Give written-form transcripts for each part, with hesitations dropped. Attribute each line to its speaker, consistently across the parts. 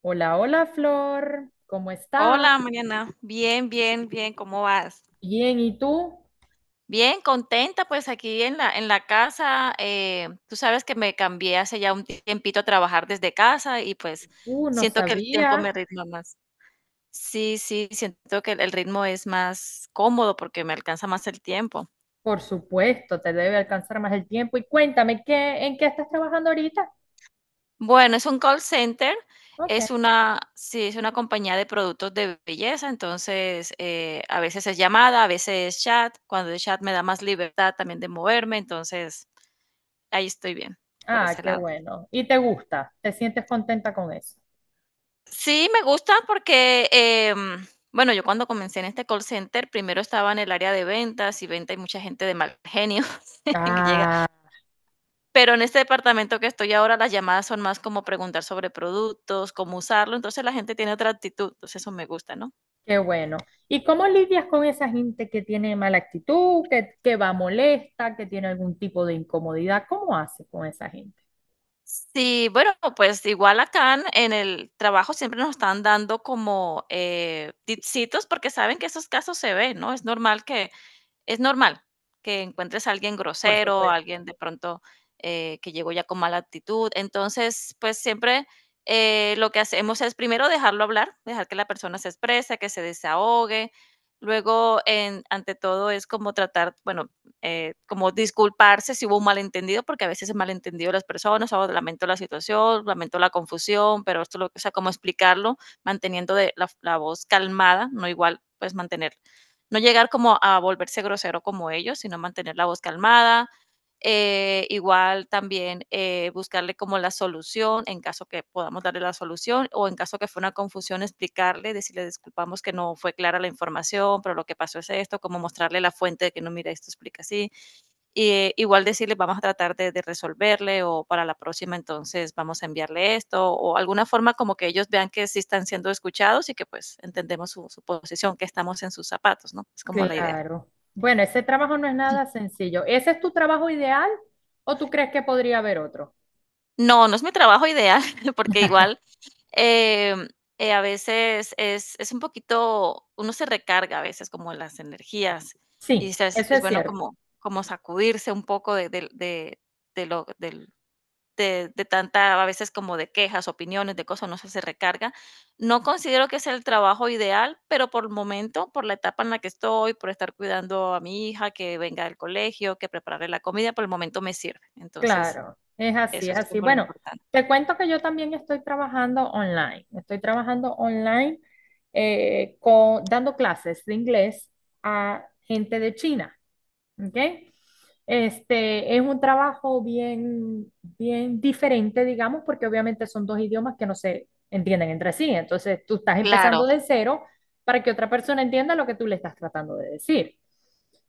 Speaker 1: Hola, hola Flor, ¿cómo estás?
Speaker 2: Hola, Mariana. Bien, bien, bien. ¿Cómo vas?
Speaker 1: Bien, ¿y tú?
Speaker 2: Bien, contenta, pues aquí en la casa. Tú sabes que me cambié hace ya un tiempito a trabajar desde casa y pues
Speaker 1: No
Speaker 2: siento que el tiempo
Speaker 1: sabía.
Speaker 2: me ritma más. Sí, sí, siento que el ritmo es más cómodo porque me alcanza más el tiempo.
Speaker 1: Por supuesto, te debe alcanzar más el tiempo. Y cuéntame, ¿ en qué estás trabajando ahorita?
Speaker 2: Bueno, es un call center,
Speaker 1: Ok.
Speaker 2: es una, sí, es una compañía de productos de belleza, entonces a veces es llamada, a veces es chat. Cuando es chat me da más libertad también de moverme, entonces ahí estoy bien, por
Speaker 1: Ah,
Speaker 2: ese
Speaker 1: qué
Speaker 2: lado.
Speaker 1: bueno. ¿Y te gusta? ¿Te sientes contenta con eso?
Speaker 2: Sí, me gusta porque, bueno, yo cuando comencé en este call center, primero estaba en el área de ventas y venta hay mucha gente de mal genio que llega,
Speaker 1: Ah,
Speaker 2: pero en este departamento que estoy ahora las llamadas son más como preguntar sobre productos, cómo usarlo, entonces la gente tiene otra actitud, entonces eso me gusta, ¿no?
Speaker 1: qué bueno. ¿Y cómo lidias con esa gente que tiene mala actitud, que va molesta, que tiene algún tipo de incomodidad? ¿Cómo haces con esa gente?
Speaker 2: Sí, bueno, pues igual acá en el trabajo siempre nos están dando como tipsitos porque saben que esos casos se ven, ¿no? Es normal que encuentres a alguien
Speaker 1: Por
Speaker 2: grosero, a
Speaker 1: supuesto.
Speaker 2: alguien de pronto que llegó ya con mala actitud. Entonces, pues siempre lo que hacemos es primero dejarlo hablar, dejar que la persona se exprese, que se desahogue. Luego, ante todo, es como tratar, bueno, como disculparse si hubo un malentendido, porque a veces es malentendido las personas, o lamento la situación, lamento la confusión, pero esto, lo, o sea, como explicarlo, manteniendo de la voz calmada, no igual, pues mantener, no llegar como a volverse grosero como ellos, sino mantener la voz calmada. Igual también buscarle como la solución, en caso que podamos darle la solución, o en caso que fue una confusión, explicarle, decirle disculpamos que no fue clara la información, pero lo que pasó es esto, como mostrarle la fuente de que no, mira, esto explica así y igual decirle, vamos a tratar de resolverle o para la próxima entonces vamos a enviarle esto o alguna forma como que ellos vean que sí están siendo escuchados y que pues entendemos su posición, que estamos en sus zapatos, ¿no? Es como la idea.
Speaker 1: Claro. Bueno, ese trabajo no es nada sencillo. ¿Ese es tu trabajo ideal o tú crees que podría haber otro?
Speaker 2: No, no es mi trabajo ideal porque igual em, a veces es un poquito, uno se recarga a veces como las energías y
Speaker 1: Sí,
Speaker 2: dice,
Speaker 1: eso
Speaker 2: es
Speaker 1: es
Speaker 2: bueno
Speaker 1: cierto.
Speaker 2: como, como sacudirse un poco de lo, del- de tanta, a veces como de quejas, opiniones, de cosas, uno se recarga. No considero que sea el trabajo ideal, pero por el momento, por la etapa en la que estoy, por estar cuidando a mi hija que venga del colegio, que prepararle la comida, por el momento me sirve. Entonces,
Speaker 1: Claro, es así,
Speaker 2: eso
Speaker 1: es
Speaker 2: es
Speaker 1: así.
Speaker 2: como lo
Speaker 1: Bueno,
Speaker 2: importante.
Speaker 1: te cuento que yo también estoy trabajando online. Estoy trabajando online dando clases de inglés a gente de China. ¿Ok? Este, es un trabajo bien, bien diferente, digamos, porque obviamente son dos idiomas que no se entienden entre sí. Entonces, tú estás
Speaker 2: Claro.
Speaker 1: empezando de cero para que otra persona entienda lo que tú le estás tratando de decir.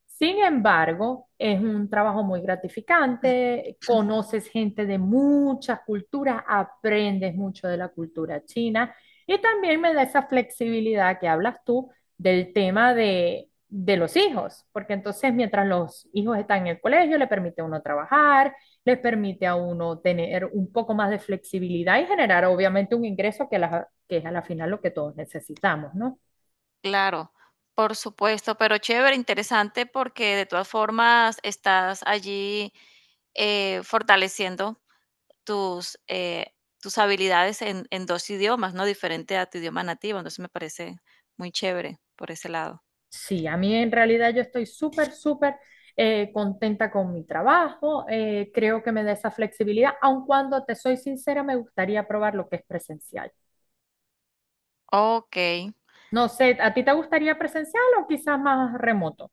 Speaker 1: Sin embargo, es un trabajo muy gratificante, conoces gente de muchas culturas, aprendes mucho de la cultura china y también me da esa flexibilidad que hablas tú del tema de los hijos, porque entonces mientras los hijos están en el colegio, le permite a uno trabajar, les permite a uno tener un poco más de flexibilidad y generar obviamente un ingreso que es a la final lo que todos necesitamos, ¿no?
Speaker 2: Claro, por supuesto, pero chévere, interesante porque de todas formas estás allí fortaleciendo tus, tus habilidades en dos idiomas, ¿no? Diferente a tu idioma nativo, entonces me parece muy chévere por ese lado.
Speaker 1: Sí, a mí en realidad yo estoy súper, súper contenta con mi trabajo, creo que me da esa flexibilidad, aun cuando te soy sincera, me gustaría probar lo que es presencial.
Speaker 2: Ok.
Speaker 1: No sé, ¿a ti te gustaría presencial o quizás más remoto?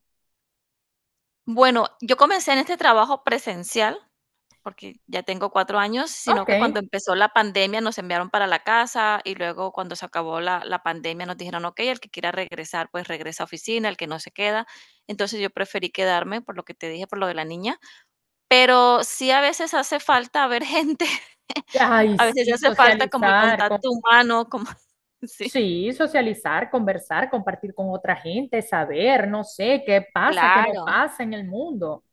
Speaker 2: Bueno, yo comencé en este trabajo presencial. Porque ya tengo 4 años, sino
Speaker 1: Ok.
Speaker 2: que cuando empezó la pandemia nos enviaron para la casa y luego cuando se acabó la pandemia nos dijeron: "Okey, el que quiera regresar, pues regresa a oficina, el que no se queda". Entonces yo preferí quedarme por lo que te dije, por lo de la niña, pero sí a veces hace falta ver gente,
Speaker 1: Ay,
Speaker 2: a veces
Speaker 1: sí,
Speaker 2: hace falta como el
Speaker 1: socializar, con,
Speaker 2: contacto humano, como sí.
Speaker 1: sí, socializar, conversar, compartir con otra gente, saber, no sé, qué pasa, qué no
Speaker 2: Claro,
Speaker 1: pasa en el mundo.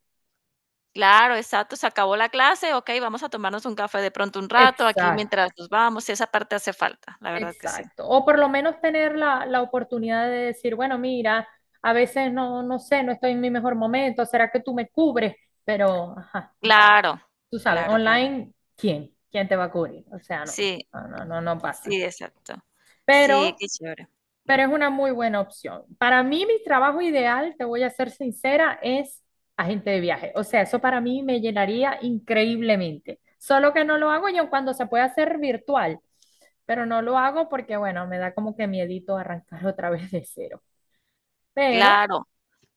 Speaker 2: claro, exacto, se acabó la clase, okey, vamos a tomarnos un café de pronto un rato aquí mientras
Speaker 1: Exacto,
Speaker 2: nos vamos, sí, esa parte hace falta, la verdad que sí.
Speaker 1: exacto. O por lo menos tener la oportunidad de decir, bueno, mira, a veces no, no sé, no estoy en mi mejor momento, ¿será que tú me cubres? Pero, ajá,
Speaker 2: Claro,
Speaker 1: tú sabes,
Speaker 2: claro, claro.
Speaker 1: online, ¿quién? ¿Quién te va a cubrir? O sea, no,
Speaker 2: Sí,
Speaker 1: no, no, no pasa.
Speaker 2: sí, exacto. Sí,
Speaker 1: Pero
Speaker 2: qué chévere.
Speaker 1: Pero es una muy buena opción. Para mí, mi trabajo ideal, te voy a ser sincera, es agente de viaje. O sea, eso para mí me llenaría increíblemente. Solo que no lo hago yo cuando se puede hacer virtual, pero no lo hago porque, bueno, me da como que miedito arrancar otra vez de cero. Pero
Speaker 2: Claro,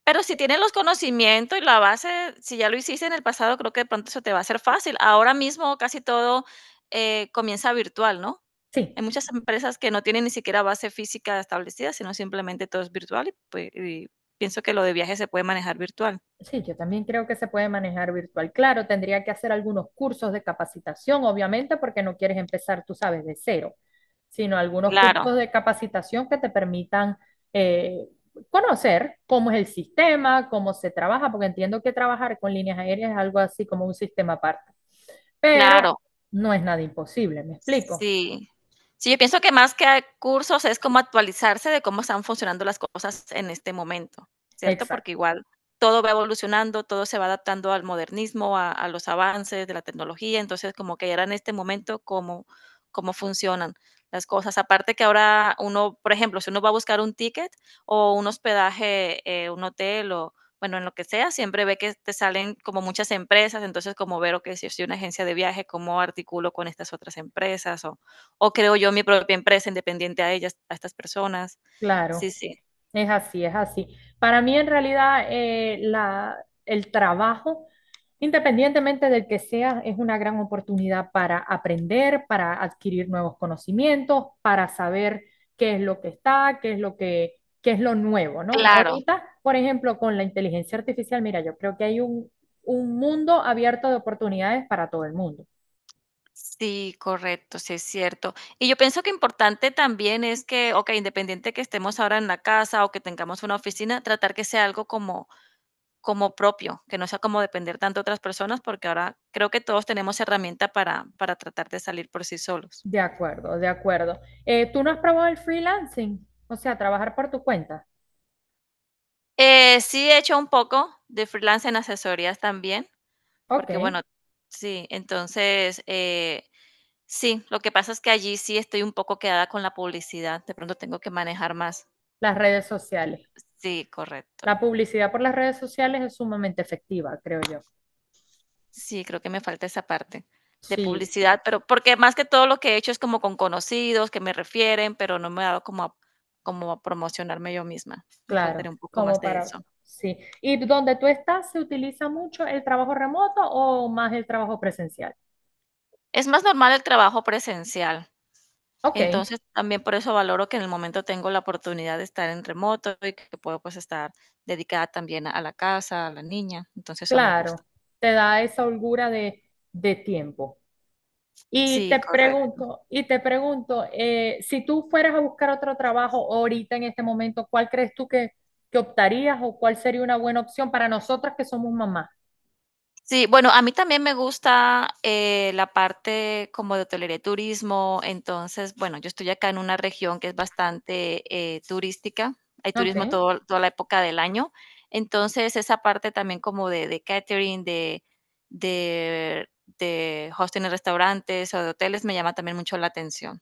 Speaker 2: pero si tienes los conocimientos y la base, si ya lo hiciste en el pasado, creo que de pronto eso te va a ser fácil. Ahora mismo casi todo, comienza virtual, ¿no?
Speaker 1: sí.
Speaker 2: Hay muchas empresas que no tienen ni siquiera base física establecida, sino simplemente todo es virtual y, pues, y pienso que lo de viajes se puede manejar virtual.
Speaker 1: Sí, yo también creo que se puede manejar virtual. Claro, tendría que hacer algunos cursos de capacitación, obviamente, porque no quieres empezar, tú sabes, de cero, sino algunos
Speaker 2: Claro,
Speaker 1: cursos de capacitación que te permitan eh, conocer cómo es el sistema, cómo se trabaja, porque entiendo que trabajar con líneas aéreas es algo así como un sistema aparte, pero
Speaker 2: claro.
Speaker 1: no es nada imposible, ¿me explico?
Speaker 2: Sí. Sí, yo pienso que más que a cursos es como actualizarse de cómo están funcionando las cosas en este momento, ¿cierto? Porque
Speaker 1: Exacto,
Speaker 2: igual todo va evolucionando, todo se va adaptando al modernismo, a los avances de la tecnología, entonces como que era en este momento cómo, cómo funcionan las cosas. Aparte que ahora uno, por ejemplo, si uno va a buscar un ticket o un hospedaje, un hotel o, bueno, en lo que sea, siempre ve que te salen como muchas empresas, entonces como ver, que si soy una agencia de viaje, cómo articulo con estas otras empresas o creo yo mi propia empresa independiente a ellas, a estas personas.
Speaker 1: claro.
Speaker 2: Sí, sí.
Speaker 1: Es así, es así. Para mí, en realidad, el trabajo, independientemente del que sea, es una gran oportunidad para aprender, para adquirir nuevos conocimientos, para saber qué es lo que está, qué es lo que, qué es lo nuevo, ¿no?
Speaker 2: Claro.
Speaker 1: Ahorita, por ejemplo, con la inteligencia artificial, mira, yo creo que hay un mundo abierto de oportunidades para todo el mundo.
Speaker 2: Sí, correcto, sí es cierto. Y yo pienso que importante también es que, ok, independiente que estemos ahora en la casa o que tengamos una oficina, tratar que sea algo como, como propio, que no sea como depender tanto de otras personas, porque ahora creo que todos tenemos herramienta para tratar de salir por sí solos.
Speaker 1: De acuerdo, de acuerdo. ¿Tú no has probado el freelancing? O sea, trabajar por tu cuenta.
Speaker 2: Sí, he hecho un poco de freelance en asesorías también,
Speaker 1: Ok,
Speaker 2: porque bueno, sí, entonces, sí, lo que pasa es que allí sí estoy un poco quedada con la publicidad, de pronto tengo que manejar más.
Speaker 1: las redes sociales.
Speaker 2: Sí,
Speaker 1: La
Speaker 2: correcto.
Speaker 1: publicidad por las redes sociales es sumamente efectiva, creo yo.
Speaker 2: Sí, creo que me falta esa parte de
Speaker 1: Sí,
Speaker 2: publicidad, pero porque más que todo lo que he hecho es como con conocidos que me refieren, pero no me he dado como a promocionarme yo misma. Me faltaría
Speaker 1: claro,
Speaker 2: un poco más
Speaker 1: como
Speaker 2: de
Speaker 1: para,
Speaker 2: eso.
Speaker 1: sí. ¿Y donde tú estás se utiliza mucho el trabajo remoto o más el trabajo presencial?
Speaker 2: Es más normal el trabajo presencial.
Speaker 1: Ok,
Speaker 2: Entonces, también por eso valoro que en el momento tengo la oportunidad de estar en remoto y que puedo, pues, estar dedicada también a la casa, a la niña, entonces eso me gusta.
Speaker 1: claro, te da esa holgura de tiempo.
Speaker 2: Sí, correcto.
Speaker 1: Y te pregunto, si tú fueras a buscar otro trabajo ahorita en este momento, ¿cuál crees tú que optarías o cuál sería una buena opción para nosotras que somos mamás?
Speaker 2: Sí, bueno, a mí también me gusta, la parte como de hotelería y turismo. Entonces, bueno, yo estoy acá en una región que es bastante, turística. Hay turismo
Speaker 1: Ok.
Speaker 2: todo toda la época del año. Entonces, esa parte también como de catering, de de hosting en restaurantes o de hoteles me llama también mucho la atención.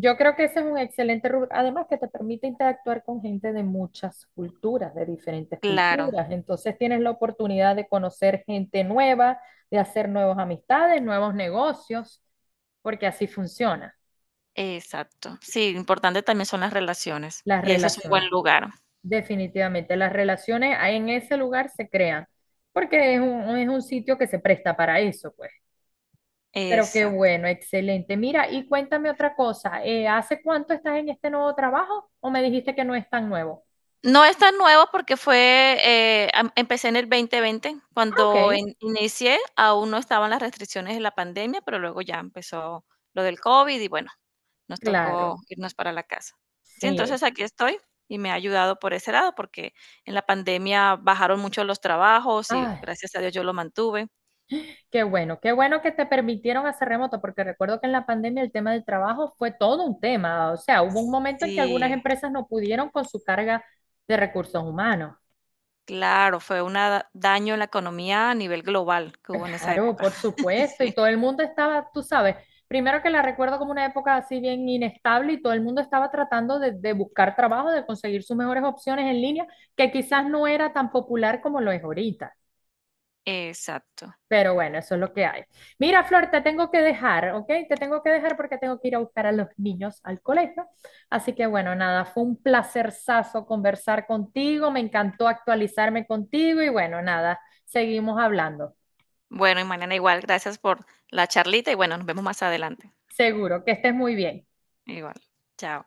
Speaker 1: Yo creo que ese es un excelente rubro, además que te permite interactuar con gente de muchas culturas, de diferentes
Speaker 2: Claro,
Speaker 1: culturas. Entonces tienes la oportunidad de conocer gente nueva, de hacer nuevas amistades, nuevos negocios, porque así funcionan
Speaker 2: exacto. Sí, importante también son las relaciones,
Speaker 1: las
Speaker 2: y eso es un
Speaker 1: relaciones.
Speaker 2: buen lugar.
Speaker 1: Definitivamente, las relaciones ahí en ese lugar se crean, porque es es un sitio que se presta para eso, pues. Pero qué
Speaker 2: Exacto.
Speaker 1: bueno, excelente. Mira, y cuéntame otra cosa, ¿hace cuánto estás en este nuevo trabajo o me dijiste que no es tan nuevo?
Speaker 2: No es tan nuevo porque fue, am empecé en el 2020,
Speaker 1: Ah,
Speaker 2: cuando
Speaker 1: ok.
Speaker 2: in inicié aún no estaban las restricciones de la pandemia, pero luego ya empezó lo del COVID y bueno, nos
Speaker 1: Claro,
Speaker 2: tocó irnos para la casa. Sí,
Speaker 1: sí.
Speaker 2: entonces aquí estoy y me ha ayudado por ese lado, porque en la pandemia bajaron mucho los trabajos y
Speaker 1: Ay,
Speaker 2: gracias a Dios yo lo mantuve.
Speaker 1: qué bueno que te permitieron hacer remoto, porque recuerdo que en la pandemia el tema del trabajo fue todo un tema. O sea, hubo un momento en que algunas
Speaker 2: Sí,
Speaker 1: empresas no pudieron con su carga de recursos humanos.
Speaker 2: claro, fue un daño en la economía a nivel global que hubo en esa
Speaker 1: Claro,
Speaker 2: época.
Speaker 1: por supuesto, y
Speaker 2: Sí,
Speaker 1: todo el mundo estaba, tú sabes, primero que la recuerdo como una época así bien inestable y todo el mundo estaba tratando de buscar trabajo, de conseguir sus mejores opciones en línea, que quizás no era tan popular como lo es ahorita.
Speaker 2: exacto.
Speaker 1: Pero bueno, eso es lo que hay. Mira, Flor, te tengo que dejar, ¿ok? Te tengo que dejar porque tengo que ir a buscar a los niños al colegio. Así que bueno, nada, fue un placerzazo conversar contigo, me encantó actualizarme contigo y bueno, nada, seguimos hablando.
Speaker 2: Bueno, y mañana igual. Gracias por la charlita y bueno, nos vemos más adelante.
Speaker 1: Seguro que estés muy bien.
Speaker 2: Igual. Chao.